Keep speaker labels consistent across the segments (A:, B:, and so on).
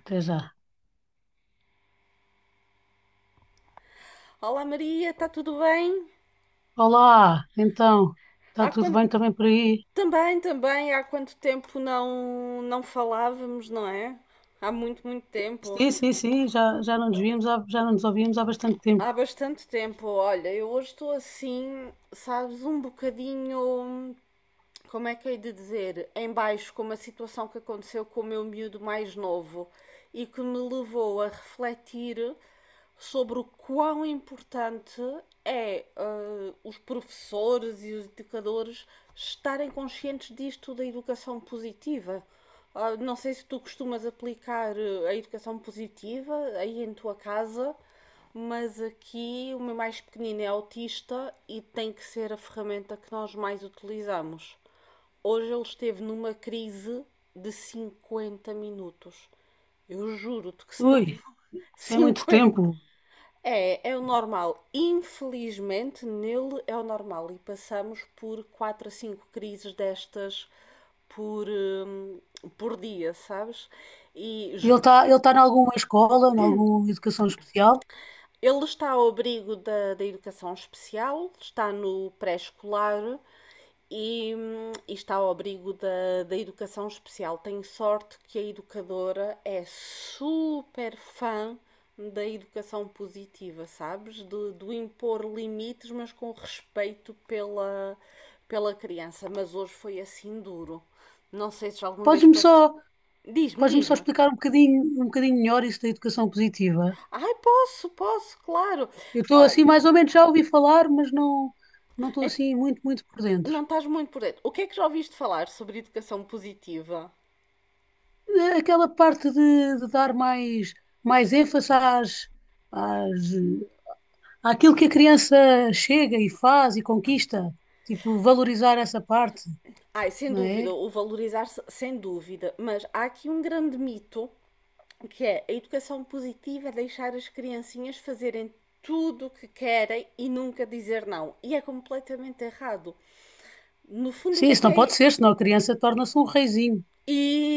A: Até já.
B: Olá Maria, está tudo bem?
A: Olá, então, está
B: Há
A: tudo
B: quanto...
A: bem também por aí?
B: também, há quanto tempo não falávamos, não é? Há muito, muito tempo.
A: Sim, sim, sim, já não nos víamos, já não nos ouvíamos há bastante tempo.
B: Há bastante tempo. Olha, eu hoje estou assim, sabes, um bocadinho, como é que hei de dizer, em baixo com uma situação que aconteceu com o meu miúdo mais novo e que me levou a refletir sobre o quão importante é os professores e os educadores estarem conscientes disto da educação positiva. Ah, não sei se tu costumas aplicar a educação positiva aí em tua casa, mas aqui o meu mais pequenino é autista e tem que ser a ferramenta que nós mais utilizamos. Hoje ele esteve numa crise de 50 minutos. Eu juro-te que se não
A: Ui,
B: for
A: isso é muito
B: 50.
A: tempo.
B: É o normal. Infelizmente, nele é o normal. E passamos por 4 a 5 crises destas por, hum, por dia, sabes? E
A: Ele
B: juro.
A: está ele tá em alguma escola, em alguma educação especial?
B: Ele está ao abrigo da educação especial, está no pré-escolar e está ao abrigo da educação especial. Tenho sorte que a educadora é super fã da educação positiva, sabes? Do impor limites, mas com respeito pela, pela criança. Mas hoje foi assim duro. Não sei se já alguma vez
A: Podes-me só,
B: passou. Diz-me,
A: podes-me só
B: diz-me.
A: explicar um bocadinho melhor isso da educação positiva?
B: Ai, posso, posso, claro.
A: Eu estou
B: Olha.
A: assim, mais ou menos, já ouvi falar, mas não estou assim muito por dentro.
B: Não estás muito por dentro. O que é que já ouviste falar sobre educação positiva?
A: Aquela parte de dar mais ênfase às, aquilo que a criança chega e faz e conquista, tipo, valorizar essa parte,
B: Ai, sem
A: não é?
B: dúvida, o valorizar-se, sem dúvida. Mas há aqui um grande mito que é: a educação positiva é deixar as criancinhas fazerem tudo o que querem e nunca dizer não. E é completamente errado. No fundo, o
A: Sim,
B: que é
A: isso
B: que
A: não pode
B: é...
A: ser, senão a criança torna-se um reizinho,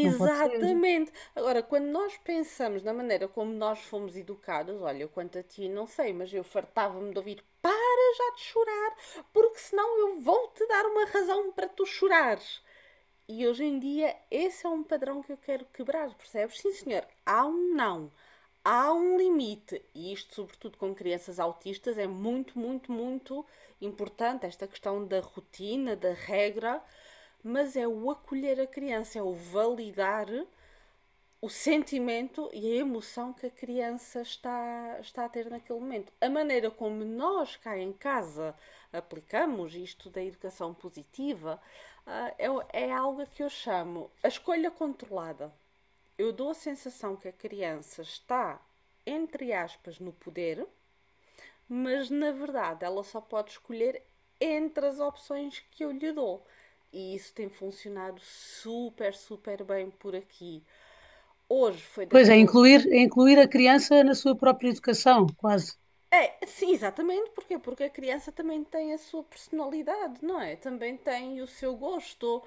A: não pode ser.
B: Agora, quando nós pensamos na maneira como nós fomos educados, olha, eu quanto a ti, não sei, mas eu fartava-me de ouvir: para já de chorar, porque senão eu vou-te dar uma razão para tu chorares. E hoje em dia esse é um padrão que eu quero quebrar, percebes? Sim, senhor, há um não, há um limite. E isto, sobretudo com crianças autistas, é muito, muito, muito importante esta questão da rotina, da regra, mas é o acolher a criança, é o validar o sentimento e a emoção que a criança está a ter naquele momento. A maneira como nós cá em casa aplicamos isto da educação positiva ah, é algo que eu chamo a escolha controlada. Eu dou a sensação que a criança está, entre aspas, no poder, mas na verdade ela só pode escolher entre as opções que eu lhe dou. E isso tem funcionado super, super bem por aqui. Hoje foi
A: Pois é,
B: daquele.
A: é incluir a criança na sua própria educação, quase.
B: É, sim, exatamente, porquê? Porque a criança também tem a sua personalidade, não é? Também tem o seu gosto.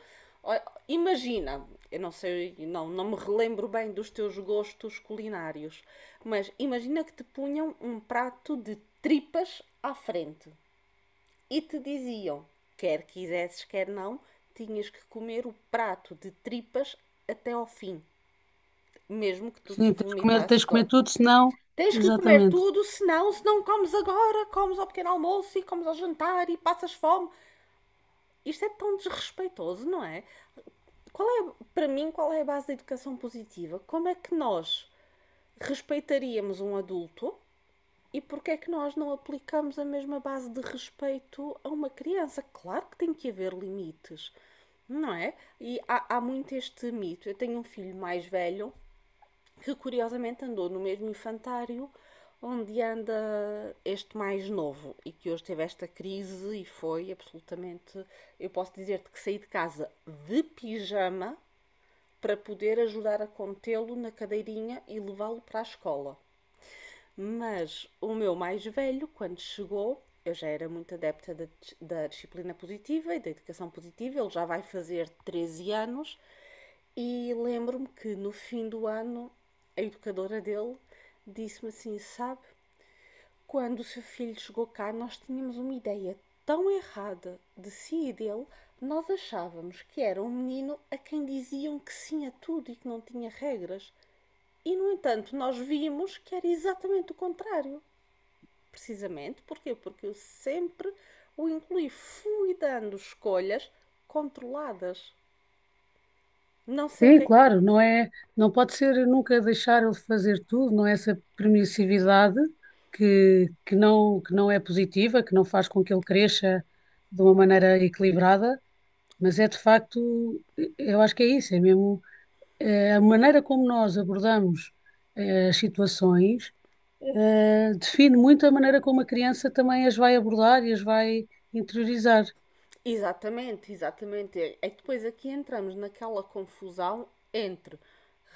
B: Imagina, eu não sei, não me relembro bem dos teus gostos culinários, mas imagina que te punham um prato de tripas à frente e te diziam, quer quisesses, quer não, tinhas que comer o prato de tripas até ao fim, mesmo que tu te
A: Sim, tens
B: vomitasses
A: de
B: todo.
A: comer tudo, senão,
B: Tens que comer
A: exatamente.
B: tudo, senão, se não comes agora, comes ao pequeno almoço e comes ao jantar e passas fome. Isto é tão desrespeitoso, não é? Qual é, para mim, qual é a base da educação positiva? Como é que nós respeitaríamos um adulto? E porquê é que nós não aplicamos a mesma base de respeito a uma criança? Claro que tem que haver limites, não é? E há, há muito este mito. Eu tenho um filho mais velho que curiosamente andou no mesmo infantário onde anda este mais novo e que hoje teve esta crise e foi absolutamente... Eu posso dizer-te que saí de casa de pijama para poder ajudar a contê-lo na cadeirinha e levá-lo para a escola. Mas o meu mais velho, quando chegou, eu já era muito adepta da, da disciplina positiva e da educação positiva, ele já vai fazer 13 anos, e lembro-me que no fim do ano a educadora dele disse-me assim: "Sabe, quando o seu filho chegou cá, nós tínhamos uma ideia tão errada de si e dele, nós achávamos que era um menino a quem diziam que sim a tudo e que não tinha regras. E, no entanto, nós vimos que era exatamente o contrário." Precisamente, porquê? Porque eu sempre o incluí, fui dando escolhas controladas. Não sei o
A: Sim,
B: que é que...
A: claro, não é, não pode ser nunca deixar ele fazer tudo, não é essa permissividade que não é positiva, que não faz com que ele cresça de uma maneira equilibrada. Mas é de facto, eu acho que é isso, é mesmo a maneira como nós abordamos as situações, define muito a maneira como a criança também as vai abordar e as vai interiorizar.
B: Exatamente, exatamente. É que depois aqui entramos naquela confusão entre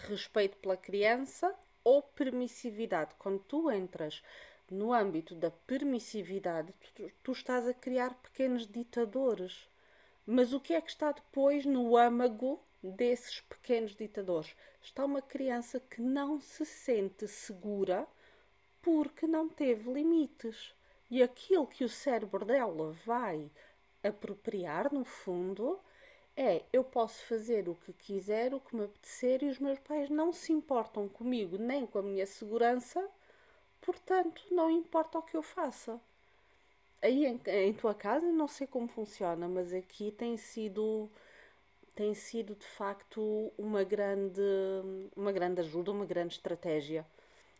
B: respeito pela criança ou permissividade. Quando tu entras no âmbito da permissividade, tu estás a criar pequenos ditadores. Mas o que é que está depois no âmago desses pequenos ditadores? Está uma criança que não se sente segura porque não teve limites. E aquilo que o cérebro dela vai apropriar, no fundo, é: eu posso fazer o que quiser, o que me apetecer, e os meus pais não se importam comigo nem com a minha segurança, portanto, não importa o que eu faça. Aí em, em tua casa não sei como funciona, mas aqui tem sido, de facto, uma grande uma grande ajuda, uma grande estratégia,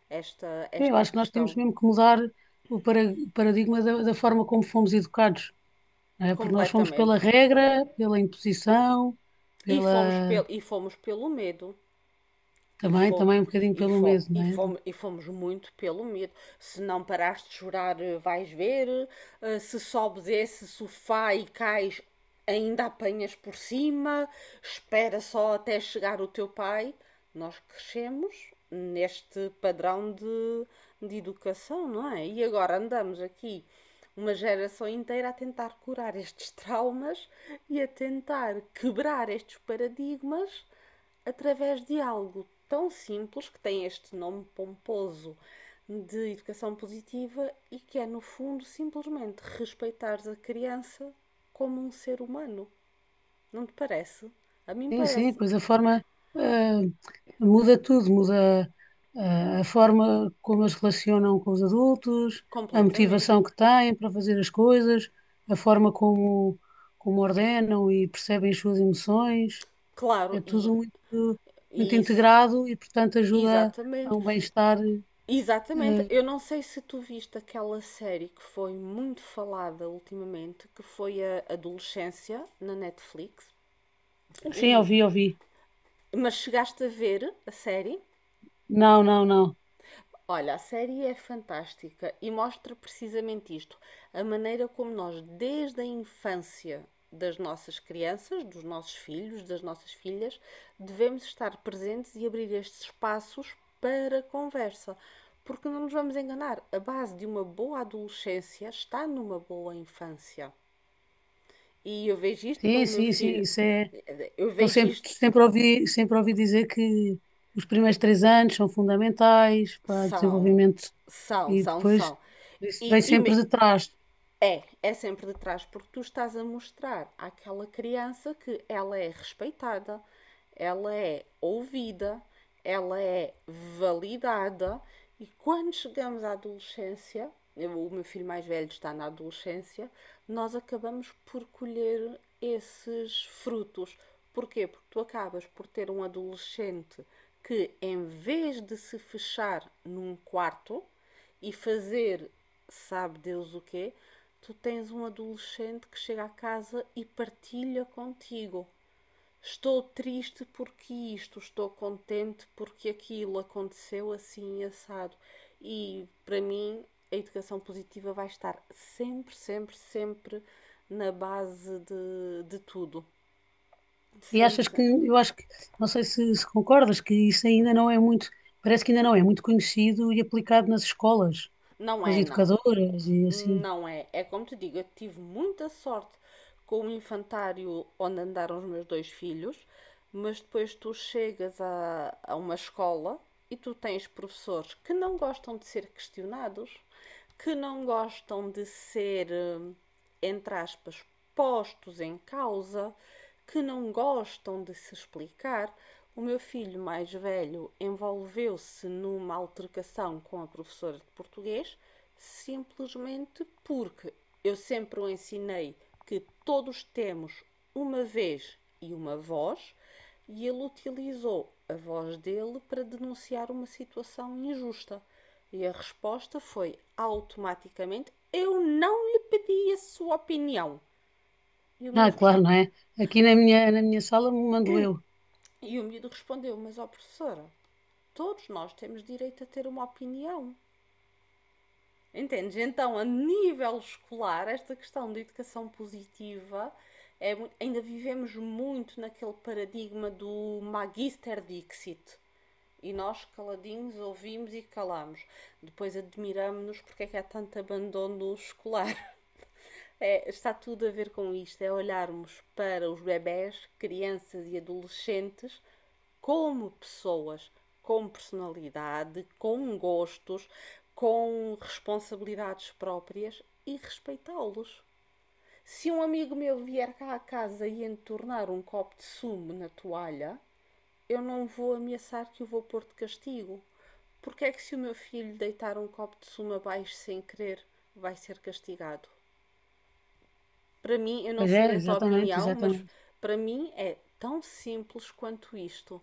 B: esta
A: Sim, eu
B: esta
A: acho que nós temos
B: questão.
A: mesmo que mudar o paradigma da forma como fomos educados, não é? Porque nós fomos pela
B: Completamente.
A: regra, pela imposição,
B: E fomos,
A: pela
B: pelo, e fomos pelo medo. E, fo
A: também um bocadinho
B: e,
A: pelo
B: fo
A: medo,
B: e,
A: não é?
B: fomos, e fomos muito pelo medo. Se não parares de chorar, vais ver. Se sobes esse sofá e cais, ainda apanhas por cima. Espera só até chegar o teu pai. Nós crescemos neste padrão de educação, não é? E agora andamos aqui uma geração inteira a tentar curar estes traumas e a tentar quebrar estes paradigmas através de algo tão simples, que tem este nome pomposo de educação positiva e que é, no fundo, simplesmente respeitares a criança como um ser humano. Não te parece? A mim
A: Sim, sim,
B: parece.
A: pois a forma eh, muda tudo, muda a forma como eles se relacionam com os adultos, a
B: Completamente.
A: motivação que têm para fazer as coisas, a forma como, como ordenam e percebem as suas emoções, é
B: Claro, e,
A: tudo
B: e
A: muito
B: isso.
A: integrado e, portanto, ajuda a
B: Exatamente,
A: um bem-estar.
B: exatamente.
A: eh,
B: Eu não sei se tu viste aquela série que foi muito falada ultimamente, que foi A Adolescência na Netflix,
A: sim,
B: e
A: ouvi, ouvi.
B: mas chegaste a ver a série?
A: Não, não, não.
B: Olha, a série é fantástica e mostra precisamente isto, a maneira como nós, desde a infância das nossas crianças, dos nossos filhos, das nossas filhas, devemos estar presentes e abrir estes espaços para conversa. Porque não nos vamos enganar, a base de uma boa adolescência está numa boa infância. E eu vejo isto pelo
A: Sim,
B: meu
A: sim, sim,
B: filho,
A: isso é.
B: eu
A: Então,
B: vejo isto,
A: sempre ouvi dizer que os primeiros 3 anos são fundamentais para o
B: são,
A: desenvolvimento,
B: são,
A: e
B: são,
A: depois
B: são.
A: isso
B: E,
A: vem
B: e
A: sempre
B: me-
A: de trás.
B: é sempre de trás, porque tu estás a mostrar àquela criança que ela é respeitada, ela é ouvida, ela é validada, e quando chegamos à adolescência, eu... o meu filho mais velho está na adolescência, nós acabamos por colher esses frutos. Porquê? Porque tu acabas por ter um adolescente que, em vez de se fechar num quarto e fazer sabe Deus o quê, tu tens um adolescente que chega a casa e partilha contigo. Estou triste porque isto, estou contente porque aquilo aconteceu assim assado. E para mim, a educação positiva vai estar sempre, sempre, sempre na base de tudo.
A: E
B: Sempre,
A: achas que,
B: sempre.
A: eu acho que, não sei se concordas, que isso ainda não é muito, parece que ainda não é muito conhecido e aplicado nas escolas,
B: Não
A: com as
B: é, não.
A: educadoras e assim.
B: Não é. É como te digo, eu tive muita sorte com o infantário onde andaram os meus dois filhos, mas depois tu chegas a uma escola e tu tens professores que não gostam de ser questionados, que não gostam de ser, entre aspas, postos em causa, que não gostam de se explicar. O meu filho mais velho envolveu-se numa altercação com a professora de português, simplesmente porque eu sempre o ensinei que todos temos uma vez e uma voz, e ele utilizou a voz dele para denunciar uma situação injusta. E a resposta foi automaticamente: "Eu não lhe pedi a sua opinião." E o
A: Ah,
B: miúdo...
A: claro, não é? Aqui na minha sala me mando eu.
B: O miúdo respondeu: "Mas, ó professora, todos nós temos direito a ter uma opinião." Entendes? Então, a nível escolar, esta questão da educação positiva... É, ainda vivemos muito naquele paradigma do Magister Dixit. E nós, caladinhos, ouvimos e calamos. Depois admiramos-nos porque é que há tanto abandono escolar. É, está tudo a ver com isto, é olharmos para os bebés, crianças e adolescentes como pessoas, com personalidade, com gostos, com responsabilidades próprias, e respeitá-los. Se um amigo meu vier cá à casa e entornar um copo de sumo na toalha, eu não vou ameaçar que o vou pôr de castigo. Porque é que se o meu filho deitar um copo de sumo abaixo sem querer, vai ser castigado? Para mim, eu não
A: Pois é,
B: sei a tua
A: exatamente,
B: opinião, mas
A: exatamente.
B: para mim é tão simples quanto isto.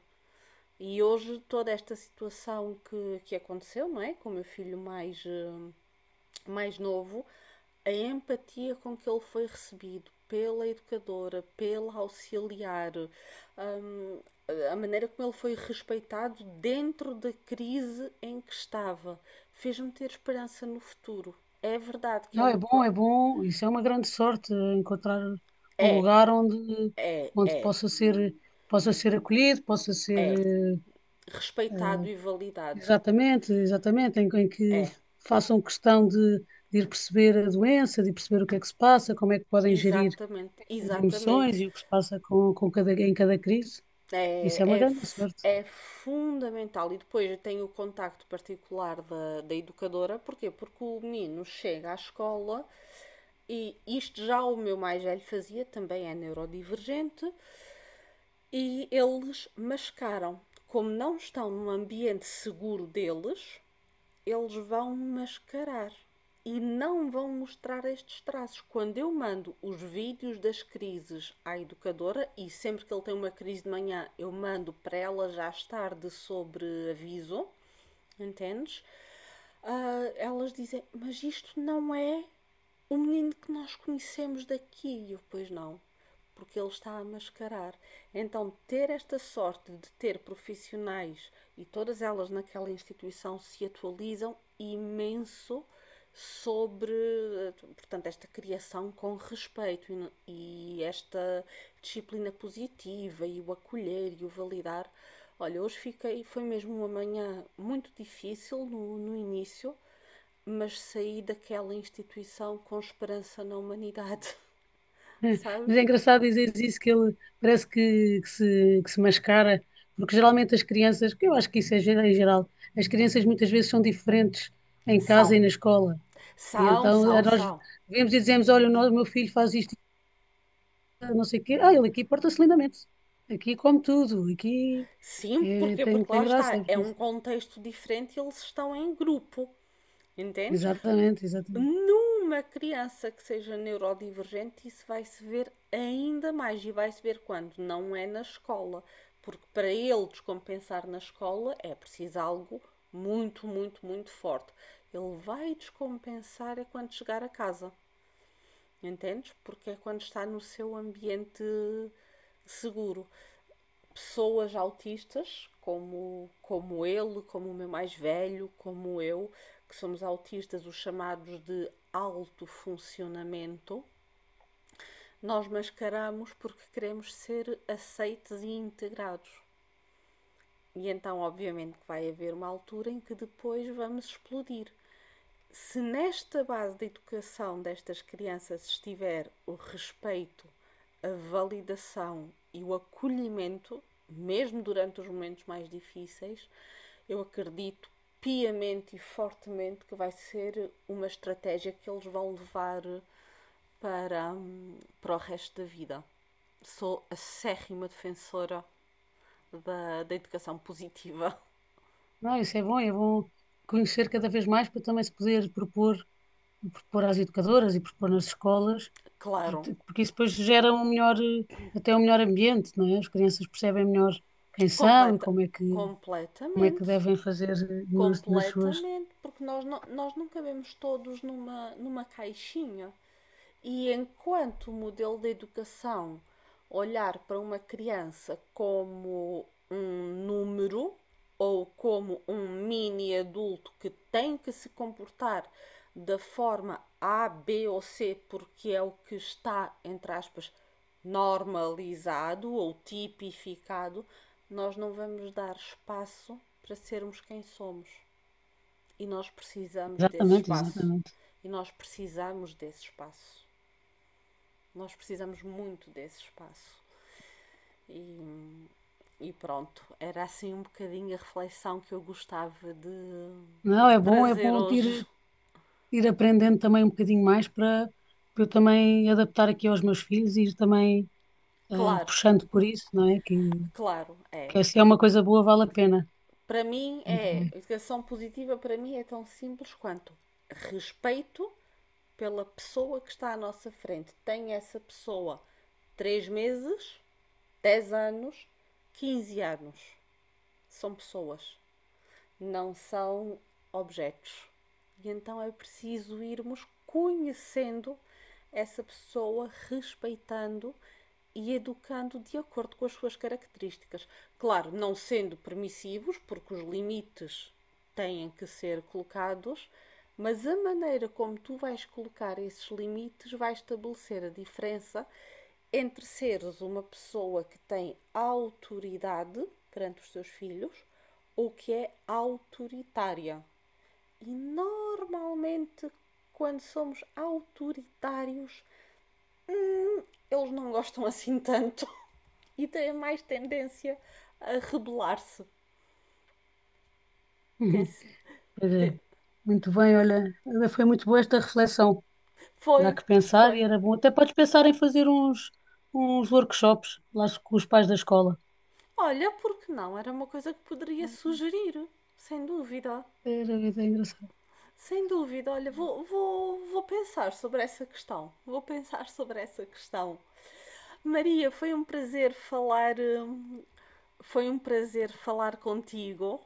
B: E hoje toda esta situação que aconteceu, não é? Com o meu filho mais novo, a empatia com que ele foi recebido pela educadora, pela auxiliar, a maneira como ele foi respeitado dentro da crise em que estava, fez-me ter esperança no futuro. É verdade que é
A: Não, é
B: uma
A: bom,
B: coisa...
A: é bom. Isso é uma grande sorte, encontrar um
B: É,
A: lugar onde,
B: é,
A: onde
B: é,
A: possa ser acolhido, possa ser,
B: é. Respeitado
A: eh,
B: e validado.
A: exatamente, exatamente, em que
B: É,
A: façam questão de ir perceber a doença, de perceber o que é que se passa, como é que podem gerir
B: exatamente,
A: essas
B: exatamente.
A: emoções e o que se passa com cada, em cada crise. Isso é uma
B: É,
A: grande sorte.
B: é, é fundamental. E depois eu tenho o contacto particular da, da educadora. Porquê? Porque o menino chega à escola, e isto já o meu mais velho fazia, também é neurodivergente, e eles mascaram. Como não estão num ambiente seguro deles, eles vão mascarar e não vão mostrar estes traços. Quando eu mando os vídeos das crises à educadora, e sempre que ele tem uma crise de manhã, eu mando para ela já estar de sobreaviso, entendes? Ah, elas dizem, mas isto não é o menino que nós conhecemos daqui. E eu, pois não, porque ele está a mascarar. Então, ter esta sorte de ter profissionais e todas elas naquela instituição se atualizam imenso sobre, portanto, esta criação com respeito e esta disciplina positiva e o acolher e o validar. Olha, hoje fiquei, foi mesmo uma manhã muito difícil no início, mas saí daquela instituição com esperança na humanidade,
A: É, mas é
B: sabes?
A: engraçado dizeres isso, que ele parece que se mascara, porque geralmente as crianças, que eu acho que isso é geral, em geral, as crianças muitas vezes são diferentes em casa
B: São,
A: e na escola. E
B: são,
A: então
B: são,
A: nós
B: são.
A: vemos e dizemos: Olha, o no- o meu filho faz isto, não sei o quê. Ah, ele aqui porta-se lindamente. Aqui come tudo. Aqui
B: Sim, porque porque lá
A: tem graça. É
B: está, é
A: porque
B: um contexto diferente e eles estão em grupo, entendes?
A: exatamente, exatamente.
B: Numa criança que seja neurodivergente, isso vai se ver ainda mais e vai se ver quando não é na escola, porque para ele descompensar na escola é preciso algo muito, muito, muito forte. Ele vai descompensar é quando chegar a casa. Entendes? Porque é quando está no seu ambiente seguro. Pessoas autistas, como ele, como o meu mais velho, como eu, que somos autistas, os chamados de alto funcionamento, nós mascaramos porque queremos ser aceites e integrados. E então, obviamente, vai haver uma altura em que depois vamos explodir. Se nesta base de educação destas crianças estiver o respeito, a validação e o acolhimento, mesmo durante os momentos mais difíceis, eu acredito piamente e fortemente que vai ser uma estratégia que eles vão levar para, para o resto da vida. Sou acérrima defensora da educação positiva,
A: Não, isso é bom conhecer cada vez mais para também se poder propor, propor às educadoras e propor nas escolas,
B: claro,
A: porque isso depois gera um melhor, até um melhor ambiente, não é? As crianças percebem melhor quem são e
B: completa,
A: como é que
B: completamente.
A: devem fazer nas, nas suas.
B: Completamente, porque nós não cabemos todos numa, numa caixinha. E enquanto o modelo de educação olhar para uma criança como um número ou como um mini adulto que tem que se comportar da forma A, B ou C, porque é o que está, entre aspas, normalizado ou tipificado, nós não vamos dar espaço para sermos quem somos. E nós precisamos desse
A: Exatamente,
B: espaço.
A: exatamente.
B: E nós precisamos desse espaço. Nós precisamos muito desse espaço. E, e pronto, era assim um bocadinho a reflexão que eu gostava de,
A: Não,
B: de
A: é bom,
B: trazer hoje.
A: ir aprendendo também um bocadinho mais para eu também adaptar aqui aos meus filhos e ir também
B: Claro,
A: puxando por isso, não é?
B: claro, é.
A: Que é, se é uma coisa boa, vale a pena.
B: Para mim
A: Muito
B: é,
A: bem.
B: educação positiva para mim é tão simples quanto respeito pela pessoa que está à nossa frente. Tem essa pessoa 3 meses, 10 anos, 15 anos. São pessoas, não são objetos. E então é preciso irmos conhecendo essa pessoa, respeitando e educando de acordo com as suas características. Claro, não sendo permissivos, porque os limites têm que ser colocados, mas a maneira como tu vais colocar esses limites vai estabelecer a diferença entre seres uma pessoa que tem autoridade perante os seus filhos ou que é autoritária. E normalmente, quando somos autoritários, eles não gostam assim tanto e têm mais tendência a rebelar-se.
A: Pois é. Muito bem, olha, foi muito boa esta reflexão. Dá
B: Foi,
A: que pensar e
B: foi.
A: era bom. Até podes pensar em fazer uns workshops lá com os pais da escola.
B: Olha, porque não? Era uma coisa que poderia sugerir, sem dúvida.
A: Era vida engraçada.
B: Sem dúvida, olha, vou pensar sobre essa questão. Vou pensar sobre essa questão. Maria, foi um prazer falar, foi um prazer falar contigo.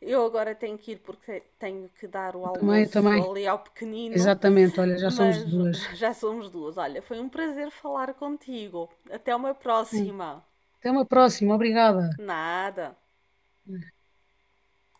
B: Eu agora tenho que ir porque tenho que dar o
A: Eu também, eu
B: almoço
A: também.
B: ali ao pequenino,
A: Exatamente, olha, já somos
B: mas
A: duas.
B: já somos duas. Olha, foi um prazer falar contigo. Até uma
A: Hum.
B: próxima.
A: Até uma próxima, obrigada.
B: Nada.